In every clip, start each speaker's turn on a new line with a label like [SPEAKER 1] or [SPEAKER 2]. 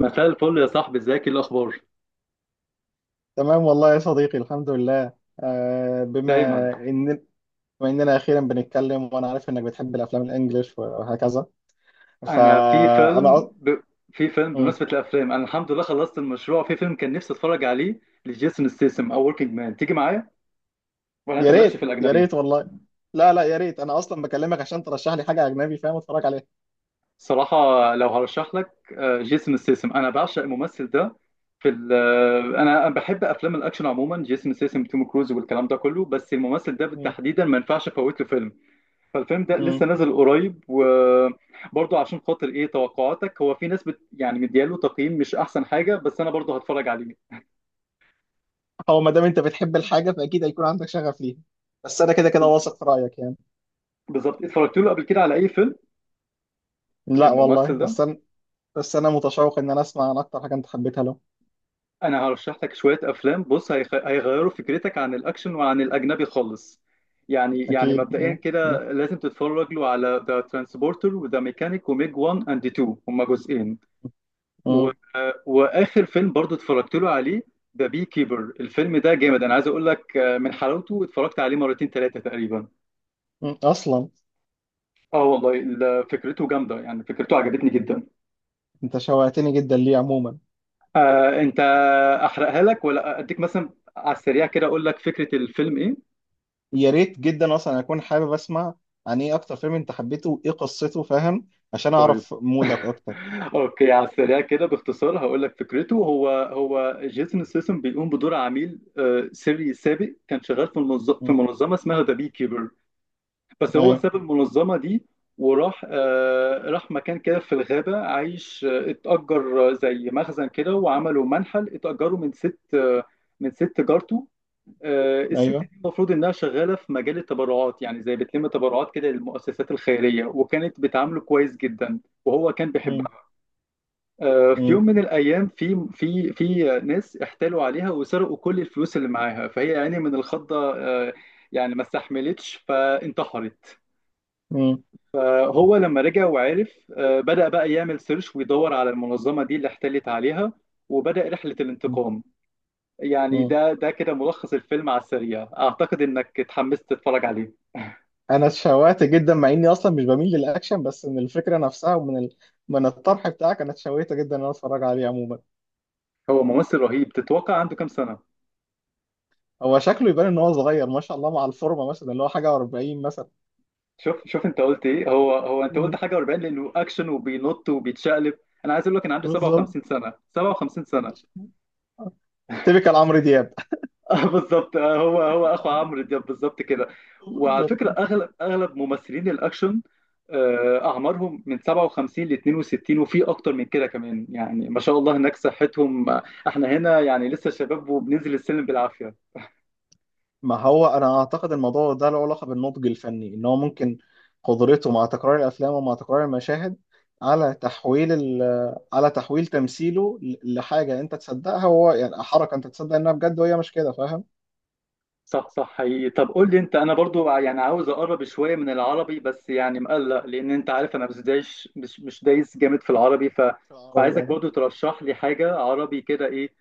[SPEAKER 1] مساء الفل يا صاحبي، ازيك؟ ايه الاخبار؟
[SPEAKER 2] تمام والله يا صديقي الحمد لله. آه، بما
[SPEAKER 1] دايما.
[SPEAKER 2] ان بما اننا اخيرا بنتكلم وانا عارف انك بتحب الافلام الانجليش وهكذا.
[SPEAKER 1] انا في
[SPEAKER 2] فانا
[SPEAKER 1] فيلم
[SPEAKER 2] أ...
[SPEAKER 1] ب... في فيلم
[SPEAKER 2] مم.
[SPEAKER 1] بمناسبه الافلام، انا الحمد لله خلصت المشروع. في فيلم كان نفسي اتفرج عليه لجيسون ستيسم، او وركينج مان، تيجي معايا؟ ولا انت
[SPEAKER 2] يا
[SPEAKER 1] مالكش في
[SPEAKER 2] ريت، يا
[SPEAKER 1] الاجنبي؟
[SPEAKER 2] ريت والله. لا لا، يا ريت، انا اصلا بكلمك عشان ترشح لي حاجه اجنبي فاهم اتفرج عليها.
[SPEAKER 1] صراحه، لو هرشح لك، جيسون ستيسم، انا بعشق الممثل ده. في ال... آه، انا بحب افلام الاكشن عموما، جيسون ستيسم، توم كروز والكلام ده كله، بس الممثل ده
[SPEAKER 2] مم.
[SPEAKER 1] بالتحديدا ما ينفعش افوت له فيلم. فالفيلم ده
[SPEAKER 2] مم.
[SPEAKER 1] لسه نازل قريب، وبرضه عشان خاطر ايه توقعاتك؟ هو في ناس بت يعني مدياله تقييم مش احسن حاجه، بس انا برضه هتفرج عليه.
[SPEAKER 2] هو ما دام انت بتحب الحاجه فاكيد هيكون عندك شغف ليها، بس انا كده كده
[SPEAKER 1] بز-
[SPEAKER 2] واثق في رايك يعني.
[SPEAKER 1] بالظبط، اتفرجت له قبل كده على اي فيلم
[SPEAKER 2] لا والله،
[SPEAKER 1] الممثل ده؟
[SPEAKER 2] بس انا متشوق ان انا اسمع عن اكتر حاجه انت حبيتها له.
[SPEAKER 1] انا هرشح لك شويه افلام. بص، هيغيروا فكرتك عن الاكشن وعن الاجنبي خالص. يعني
[SPEAKER 2] اكيد.
[SPEAKER 1] مبدئيا
[SPEAKER 2] مم.
[SPEAKER 1] كده لازم تتفرج له على ذا ترانسبورتر، وذا ميكانيك، وميج 1 اند 2، هما جزئين. و...
[SPEAKER 2] مم.
[SPEAKER 1] واخر فيلم برضو اتفرجت له عليه ذا بي كيبر. الفيلم ده جامد، انا عايز اقول لك، من حلاوته اتفرجت عليه مرتين ثلاثه تقريبا.
[SPEAKER 2] اصلا
[SPEAKER 1] اه والله، فكرته جامده، يعني فكرته عجبتني جدا.
[SPEAKER 2] انت شوقتني جدا ليه عموما.
[SPEAKER 1] آه انت، احرقها لك ولا اديك مثلا على السريع كده اقول لك فكره الفيلم ايه؟
[SPEAKER 2] يا ريت جدا، اصلا اكون حابب اسمع عن ايه اكتر فيلم انت حبيته وايه قصته فاهم، عشان
[SPEAKER 1] طيب.
[SPEAKER 2] اعرف مودك اكتر.
[SPEAKER 1] اوكي، على السريع كده باختصار هقول لك فكرته. هو هو جيسون سيسم بيقوم بدور عميل سري سابق، كان شغال في
[SPEAKER 2] مم.
[SPEAKER 1] منظمه اسمها ذا بي كيبر. بس هو
[SPEAKER 2] ايوه.
[SPEAKER 1] ساب المنظمة دي، وراح، راح مكان كده في الغابة عايش، اتأجر زي مخزن كده، وعملوا منحل، اتأجروا من ست جارته. الست دي
[SPEAKER 2] ايوه.
[SPEAKER 1] المفروض إنها شغالة في مجال التبرعات، يعني زي بتلم تبرعات كده للمؤسسات الخيرية، وكانت بتعامله كويس جدا، وهو كان
[SPEAKER 2] مم.
[SPEAKER 1] بيحبها. في يوم
[SPEAKER 2] مم.
[SPEAKER 1] من الأيام، في ناس احتالوا عليها وسرقوا كل الفلوس اللي معاها. فهي يعني من الخضة، يعني ما استحملتش، فانتحرت.
[SPEAKER 2] مم.
[SPEAKER 1] فهو لما رجع وعرف، بدأ بقى يعمل سيرش ويدور على المنظمة دي اللي احتلت عليها، وبدأ رحلة
[SPEAKER 2] مم.
[SPEAKER 1] الانتقام. يعني
[SPEAKER 2] مم.
[SPEAKER 1] ده كده ملخص الفيلم على السريع. أعتقد إنك اتحمست تتفرج عليه.
[SPEAKER 2] انا اتشوقت جدا مع اني اصلا مش بميل للاكشن، بس من الفكره نفسها من الطرح بتاعك انا اتشوقت جدا ان انا اتفرج عليه عموما.
[SPEAKER 1] هو ممثل رهيب، تتوقع عنده كام سنة؟
[SPEAKER 2] هو شكله يبان ان هو صغير ما شاء الله مع الفورمه، مثلا اللي هو حاجه 40 مثلا.
[SPEAKER 1] شوف شوف، أنت قلت إيه؟ هو هو أنت قلت
[SPEAKER 2] مم.
[SPEAKER 1] حاجة 40 لأنه أكشن وبينط وبيتشقلب؟ أنا عايز أقول لك إن عنده
[SPEAKER 2] بالظبط.
[SPEAKER 1] 57 سنة، 57 سنة.
[SPEAKER 2] تيبيكال عمرو دياب.
[SPEAKER 1] بالظبط. هو هو اخو عمرو دياب بالظبط كده. وعلى
[SPEAKER 2] بالظبط.
[SPEAKER 1] فكره، اغلب اغلب ممثلين الاكشن، اعمارهم من 57 ل 62، وفي اكتر من كده كمان، يعني ما شاء الله هناك صحتهم. احنا هنا يعني لسه شباب وبننزل السلم بالعافيه.
[SPEAKER 2] ما هو انا اعتقد الموضوع ده له علاقه بالنضج الفني، ان هو ممكن قدرته مع تكرار الافلام ومع تكرار المشاهد على على تحويل تمثيله لحاجه انت تصدقها، وهو يعني حركه انت تصدق انها بجد وهي مش كده، فاهم؟
[SPEAKER 1] صح، صح، حقيقي. طب قول لي انت، انا برضو يعني عاوز اقرب شويه من العربي، بس يعني مقلق، لان انت عارف انا مش دايش مش مش دايس جامد في العربي،
[SPEAKER 2] عربي
[SPEAKER 1] فعايزك
[SPEAKER 2] يعني.
[SPEAKER 1] برضو ترشح لي حاجه عربي كده، ايه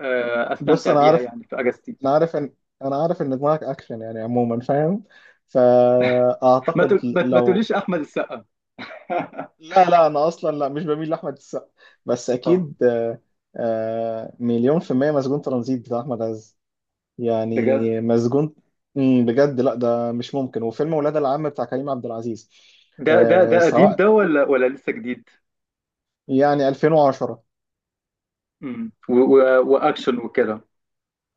[SPEAKER 2] بص
[SPEAKER 1] استمتع
[SPEAKER 2] انا
[SPEAKER 1] بيها
[SPEAKER 2] عارف،
[SPEAKER 1] يعني في اجازتي.
[SPEAKER 2] انا عارف ان انا عارف ان دماغك اكشن يعني عموما، فاهم؟
[SPEAKER 1] ما
[SPEAKER 2] فاعتقد
[SPEAKER 1] تقول- ما ما
[SPEAKER 2] لو،
[SPEAKER 1] تقوليش احمد السقا.
[SPEAKER 2] لا لا انا اصلا لا مش بميل لاحمد السقا، بس
[SPEAKER 1] اه،
[SPEAKER 2] اكيد، مليون في المية مسجون ترانزيت بتاع احمد عز،
[SPEAKER 1] بجد؟
[SPEAKER 2] يعني مسجون. مم، بجد، لا ده مش ممكن. وفيلم ولاد العم بتاع كريم عبد العزيز.
[SPEAKER 1] ده
[SPEAKER 2] آه
[SPEAKER 1] قديم
[SPEAKER 2] سواء،
[SPEAKER 1] ده ولا لسه جديد؟
[SPEAKER 2] يعني 2010.
[SPEAKER 1] واكشن وكده؟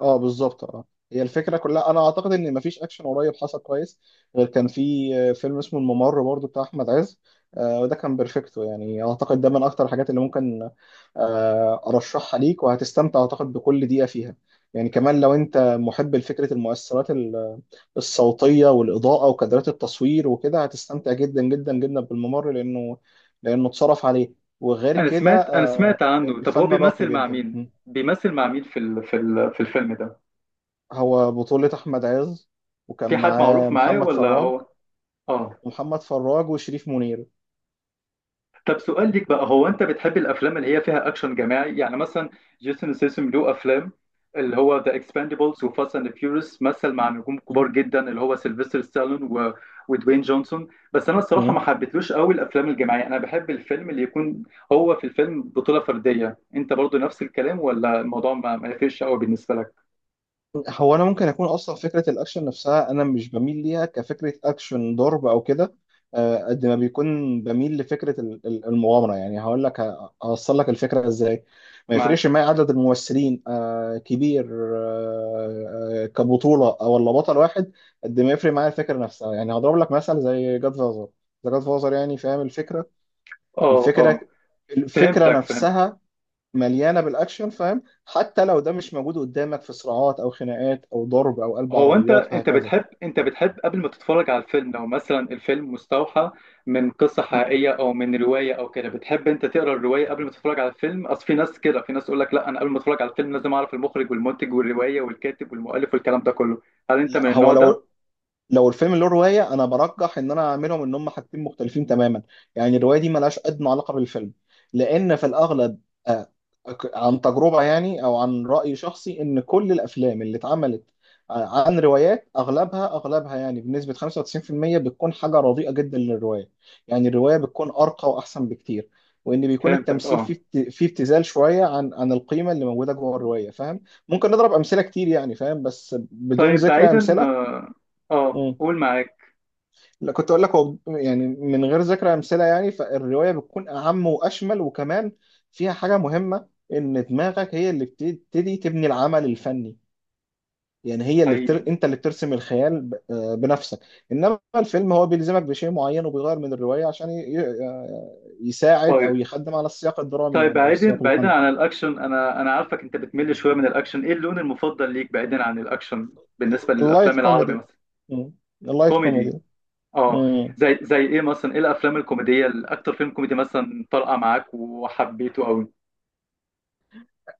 [SPEAKER 2] اه بالظبط اه. هي الفكره كلها، انا اعتقد ان مفيش اكشن قريب حصل كويس، غير كان في فيلم اسمه الممر برضو بتاع احمد عز. وده كان بيرفكتو، يعني اعتقد ده من اكتر الحاجات اللي ممكن ارشحها ليك وهتستمتع اعتقد بكل دقيقه فيها. يعني كمان لو انت محب لفكره الصوتيه والاضاءه وكادرات التصوير وكده، هتستمتع جدا جدا جدا بالممر، لانه اتصرف عليه. وغير
[SPEAKER 1] انا
[SPEAKER 2] كده
[SPEAKER 1] سمعت انا سمعت عنه. طب هو
[SPEAKER 2] الفن راقي
[SPEAKER 1] بيمثل مع
[SPEAKER 2] جدا.
[SPEAKER 1] مين؟ في الفيلم ده؟
[SPEAKER 2] هو بطولة أحمد عز، وكان
[SPEAKER 1] في حد
[SPEAKER 2] معاه
[SPEAKER 1] معروف معاه
[SPEAKER 2] محمد
[SPEAKER 1] ولا
[SPEAKER 2] فراج.
[SPEAKER 1] هو؟ اه.
[SPEAKER 2] ومحمد فراج وشريف منير.
[SPEAKER 1] طب سؤال ليك بقى، هو انت بتحب الافلام اللي هي فيها اكشن جماعي؟ يعني مثلا جيسون ستاثام له افلام، اللي هو ذا اكسباندبلز وفاست اند فيوريوس، مثل مع نجوم
[SPEAKER 2] م-
[SPEAKER 1] كبار جدا اللي هو سيلفستر ستالون ودوين جونسون. بس انا الصراحه
[SPEAKER 2] م.
[SPEAKER 1] ما حبيتلوش قوي الافلام الجماعيه. انا بحب الفيلم اللي يكون هو في الفيلم بطوله فرديه. انت برضو نفس الكلام، ولا الموضوع ما يفرقش قوي بالنسبه لك؟
[SPEAKER 2] هو أنا ممكن أكون أصلا فكرة الأكشن نفسها أنا مش بميل ليها كفكرة أكشن ضرب أو كده. قد ما بيكون بميل لفكرة المغامرة، يعني هقول لك هوصل لك الفكرة إزاي. ما
[SPEAKER 1] معاك.
[SPEAKER 2] يفرقش معايا عدد الممثلين كبير، كبطولة أو ولا بطل واحد. قد ما يفرق معايا الفكرة نفسها، يعني هضرب لك مثل زي جاد فازر. ذا جاد فازر، يعني فاهم الفكرة.
[SPEAKER 1] اه،
[SPEAKER 2] الفكره
[SPEAKER 1] اه،
[SPEAKER 2] الفكره
[SPEAKER 1] فهمتك فهمتك.
[SPEAKER 2] نفسها مليانه بالاكشن، فاهم، حتى لو ده مش موجود قدامك في صراعات او خناقات او ضرب او قلب
[SPEAKER 1] هو انت،
[SPEAKER 2] عربيات وهكذا.
[SPEAKER 1] بتحب قبل ما تتفرج على الفيلم، لو مثلا الفيلم مستوحى من قصة
[SPEAKER 2] مم.
[SPEAKER 1] حقيقية او من رواية او كده، بتحب انت تقرا الرواية قبل ما تتفرج على الفيلم؟ اصل في ناس كده، في ناس يقول لك لا، انا قبل ما اتفرج على الفيلم لازم اعرف المخرج والمنتج والرواية والكاتب والمؤلف والكلام ده كله. هل انت
[SPEAKER 2] لا،
[SPEAKER 1] من
[SPEAKER 2] هو
[SPEAKER 1] النوع ده؟
[SPEAKER 2] لو لو الفيلم له روايه، انا برجح ان انا اعملهم ان هم حاجتين مختلفين تماما. يعني الروايه دي ملهاش ادنى علاقه بالفيلم، لان في الاغلب آه، عن تجربه يعني، او عن راي شخصي، ان كل الافلام اللي اتعملت عن روايات اغلبها يعني بنسبه 95% بتكون حاجه رديئه جدا للروايه. يعني الروايه بتكون ارقى واحسن بكتير، وان بيكون
[SPEAKER 1] فهمتك،
[SPEAKER 2] التمثيل
[SPEAKER 1] اه.
[SPEAKER 2] فيه فيه ابتذال شويه عن القيمه اللي موجوده جوه الروايه، فاهم. ممكن نضرب امثله كتير يعني فاهم، بس بدون
[SPEAKER 1] طيب
[SPEAKER 2] ذكر
[SPEAKER 1] بعيدا،
[SPEAKER 2] امثله.
[SPEAKER 1] اه، قول، معاك.
[SPEAKER 2] لا، كنت اقول لك، هو يعني من غير ذكر امثله يعني، فالروايه بتكون اعم واشمل، وكمان فيها حاجه مهمه، ان دماغك هي اللي بتبتدي تبني العمل الفني. يعني هي
[SPEAKER 1] حقيقي.
[SPEAKER 2] انت اللي بترسم الخيال ب... آه بنفسك. انما الفيلم هو بيلزمك بشيء معين، وبيغير من الروايه عشان يساعد
[SPEAKER 1] طيب
[SPEAKER 2] او يخدم على السياق الدرامي
[SPEAKER 1] طيب
[SPEAKER 2] يعني، او
[SPEAKER 1] بعيدا
[SPEAKER 2] السياق
[SPEAKER 1] بعيدا
[SPEAKER 2] الفني.
[SPEAKER 1] عن الاكشن، انا عارفك انت بتمل شوية من الاكشن، ايه اللون المفضل ليك بعيدا عن الاكشن بالنسبة
[SPEAKER 2] اللايت
[SPEAKER 1] للافلام العربي
[SPEAKER 2] كوميدي.
[SPEAKER 1] مثلا؟
[SPEAKER 2] اللايت
[SPEAKER 1] كوميدي،
[SPEAKER 2] كوميدي.
[SPEAKER 1] اه. زي ايه مثلا؟ ايه الافلام الكوميديه؟ الاكتر فيلم كوميدي مثلا طرقه معاك وحبيته قوي؟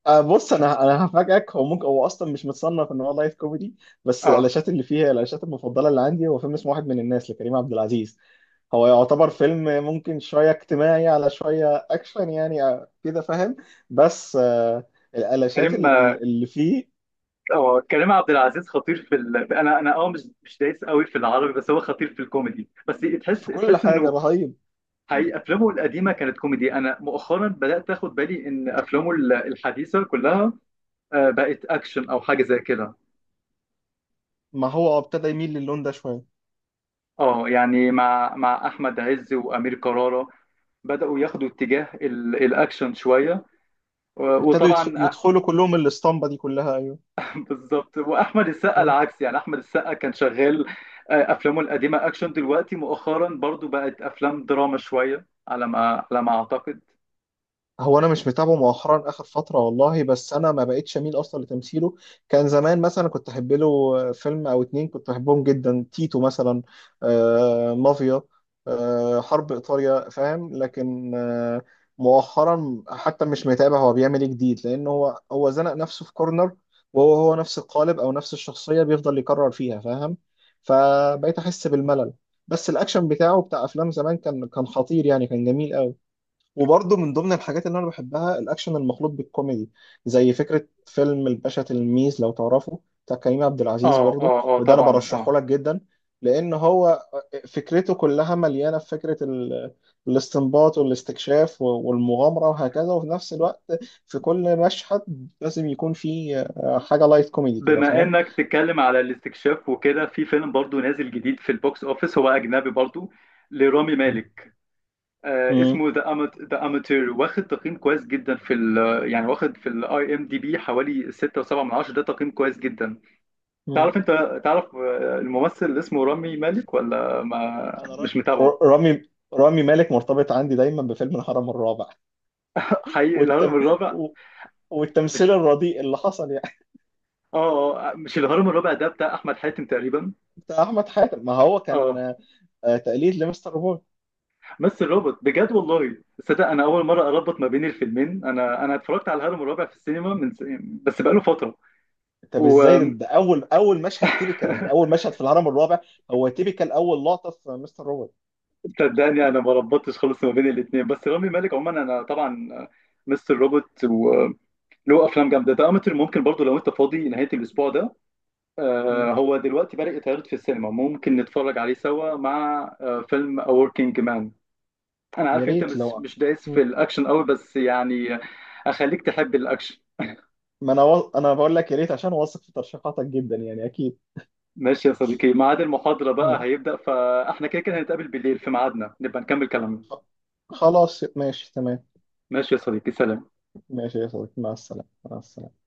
[SPEAKER 2] بص، انا هفاجئك، هو ممكن هو اصلا مش متصنف ان هو لايف كوميدي، بس
[SPEAKER 1] اه
[SPEAKER 2] الالاشات اللي فيها، الالاشات المفضله اللي عندي هو فيلم اسمه واحد من الناس لكريم عبد العزيز. هو يعتبر فيلم ممكن شويه اجتماعي على شويه اكشن، يعني كده فاهم، بس الالاشات
[SPEAKER 1] كريم
[SPEAKER 2] اللي فيه
[SPEAKER 1] اه كريم عبد العزيز خطير انا، انا مش دايس قوي في العربي، بس هو خطير في الكوميدي. بس تحس
[SPEAKER 2] في كل
[SPEAKER 1] تحس
[SPEAKER 2] حاجه
[SPEAKER 1] انه،
[SPEAKER 2] رهيب.
[SPEAKER 1] حقيقي، افلامه القديمه كانت كوميدي. انا مؤخرا بدات اخد بالي ان افلامه الحديثه كلها بقت اكشن او حاجه زي كده.
[SPEAKER 2] ما هو ابتدى يميل للون ده شويه.
[SPEAKER 1] اه، يعني مع احمد عز وامير كرارة، بداوا ياخدوا اتجاه الاكشن شويه، و-
[SPEAKER 2] ابتدوا
[SPEAKER 1] وطبعا،
[SPEAKER 2] يدخلوا كلهم الاسطمبه دي كلها.
[SPEAKER 1] بالظبط. واحمد السقا
[SPEAKER 2] ايوه.
[SPEAKER 1] العكس، يعني احمد السقا كان شغال، افلامه القديمه اكشن، دلوقتي مؤخرا برضو بقت افلام دراما شويه على ما اعتقد.
[SPEAKER 2] هو انا مش متابعه مؤخرا اخر فتره والله، بس انا ما بقتش اميل اصلا لتمثيله. كان زمان مثلا كنت احب له فيلم او اتنين كنت احبهم جدا، تيتو مثلا، آه مافيا، آه حرب ايطاليا، فاهم، لكن آه مؤخرا حتى مش متابع هو بيعمل ايه جديد، لان هو زنق نفسه في كورنر، وهو نفس القالب او نفس الشخصيه بيفضل يكرر فيها، فاهم. فبقيت احس بالملل. بس الاكشن بتاعه بتاع افلام زمان كان خطير يعني، كان جميل قوي. وبرضه من ضمن الحاجات اللي انا بحبها الاكشن المخلوط بالكوميدي، زي فكره فيلم الباشا تلميذ لو تعرفه، بتاع كريم عبد العزيز
[SPEAKER 1] اه،
[SPEAKER 2] برضه،
[SPEAKER 1] اه، اه،
[SPEAKER 2] وده انا
[SPEAKER 1] طبعا،
[SPEAKER 2] برشحه
[SPEAKER 1] اه.
[SPEAKER 2] لك جدا. لان هو فكرته كلها مليانه في فكره الاستنباط والاستكشاف والمغامره وهكذا، وفي نفس الوقت في كل مشهد لازم يكون في حاجه لايت كوميدي كده
[SPEAKER 1] بما
[SPEAKER 2] فاهم.
[SPEAKER 1] انك تتكلم على الاستكشاف وكده، في فيلم برضو نازل جديد في البوكس اوفيس، هو اجنبي برضو، لرامي مالك،
[SPEAKER 2] مم.
[SPEAKER 1] اسمه ذا اماتير. واخد تقييم كويس جدا يعني واخد في الاي ام دي بي حوالي 6.7 من 10، ده تقييم كويس جدا.
[SPEAKER 2] مم.
[SPEAKER 1] تعرف، انت تعرف الممثل اللي اسمه رامي مالك، ولا ما
[SPEAKER 2] انا ر-
[SPEAKER 1] مش متابعه؟
[SPEAKER 2] ر- رامي رامي مالك مرتبط عندي دايما بفيلم الهرم الرابع.
[SPEAKER 1] حقيقي، الهرم
[SPEAKER 2] والتم...
[SPEAKER 1] الرابع؟
[SPEAKER 2] و- والتمثيل
[SPEAKER 1] مش
[SPEAKER 2] الرديء اللي حصل يعني.
[SPEAKER 1] اه آه، مش الهرم الرابع ده بتاع احمد حاتم تقريبا؟
[SPEAKER 2] بتاع احمد حاتم، ما هو كان
[SPEAKER 1] اه،
[SPEAKER 2] تقليد لمستر بوي.
[SPEAKER 1] مثل روبوت بجد والله. صدق، انا اول مره اربط ما بين الفيلمين. انا اتفرجت على الهرم الرابع في السينما بس بقاله فتره.
[SPEAKER 2] طب ازاي ده، ده اول مشهد تيبيكال، يعني
[SPEAKER 1] وصدقني،
[SPEAKER 2] اول مشهد في الهرم الرابع هو تيبيكال اول لقطه في مستر روبوت.
[SPEAKER 1] انا ما ربطتش خالص ما بين الاثنين. بس رامي مالك عموما، انا طبعا، مستر روبوت، وله افلام جامده، ده امتر ممكن برضو لو انت فاضي نهايه الاسبوع ده،
[SPEAKER 2] مم.
[SPEAKER 1] هو دلوقتي بدأ يتعرض في السينما، ممكن نتفرج عليه سوا مع فيلم A Working Man. أنا
[SPEAKER 2] يا
[SPEAKER 1] عارف أنت
[SPEAKER 2] ريت
[SPEAKER 1] مش
[SPEAKER 2] لو.
[SPEAKER 1] مش دايس في
[SPEAKER 2] مم.
[SPEAKER 1] الأكشن قوي، بس يعني أخليك تحب الأكشن.
[SPEAKER 2] ما انا انا بقول لك يا ريت، عشان واثق في ترشيحاتك جدا يعني، اكيد.
[SPEAKER 1] ماشي يا صديقي، ميعاد المحاضرة بقى هيبدأ، فإحنا كده كده هنتقابل بالليل في ميعادنا، نبقى نكمل كلامنا.
[SPEAKER 2] خلاص ماشي تمام.
[SPEAKER 1] ماشي يا صديقي، سلام.
[SPEAKER 2] ماشي يا صديقي، مع السلامه. مع السلامه.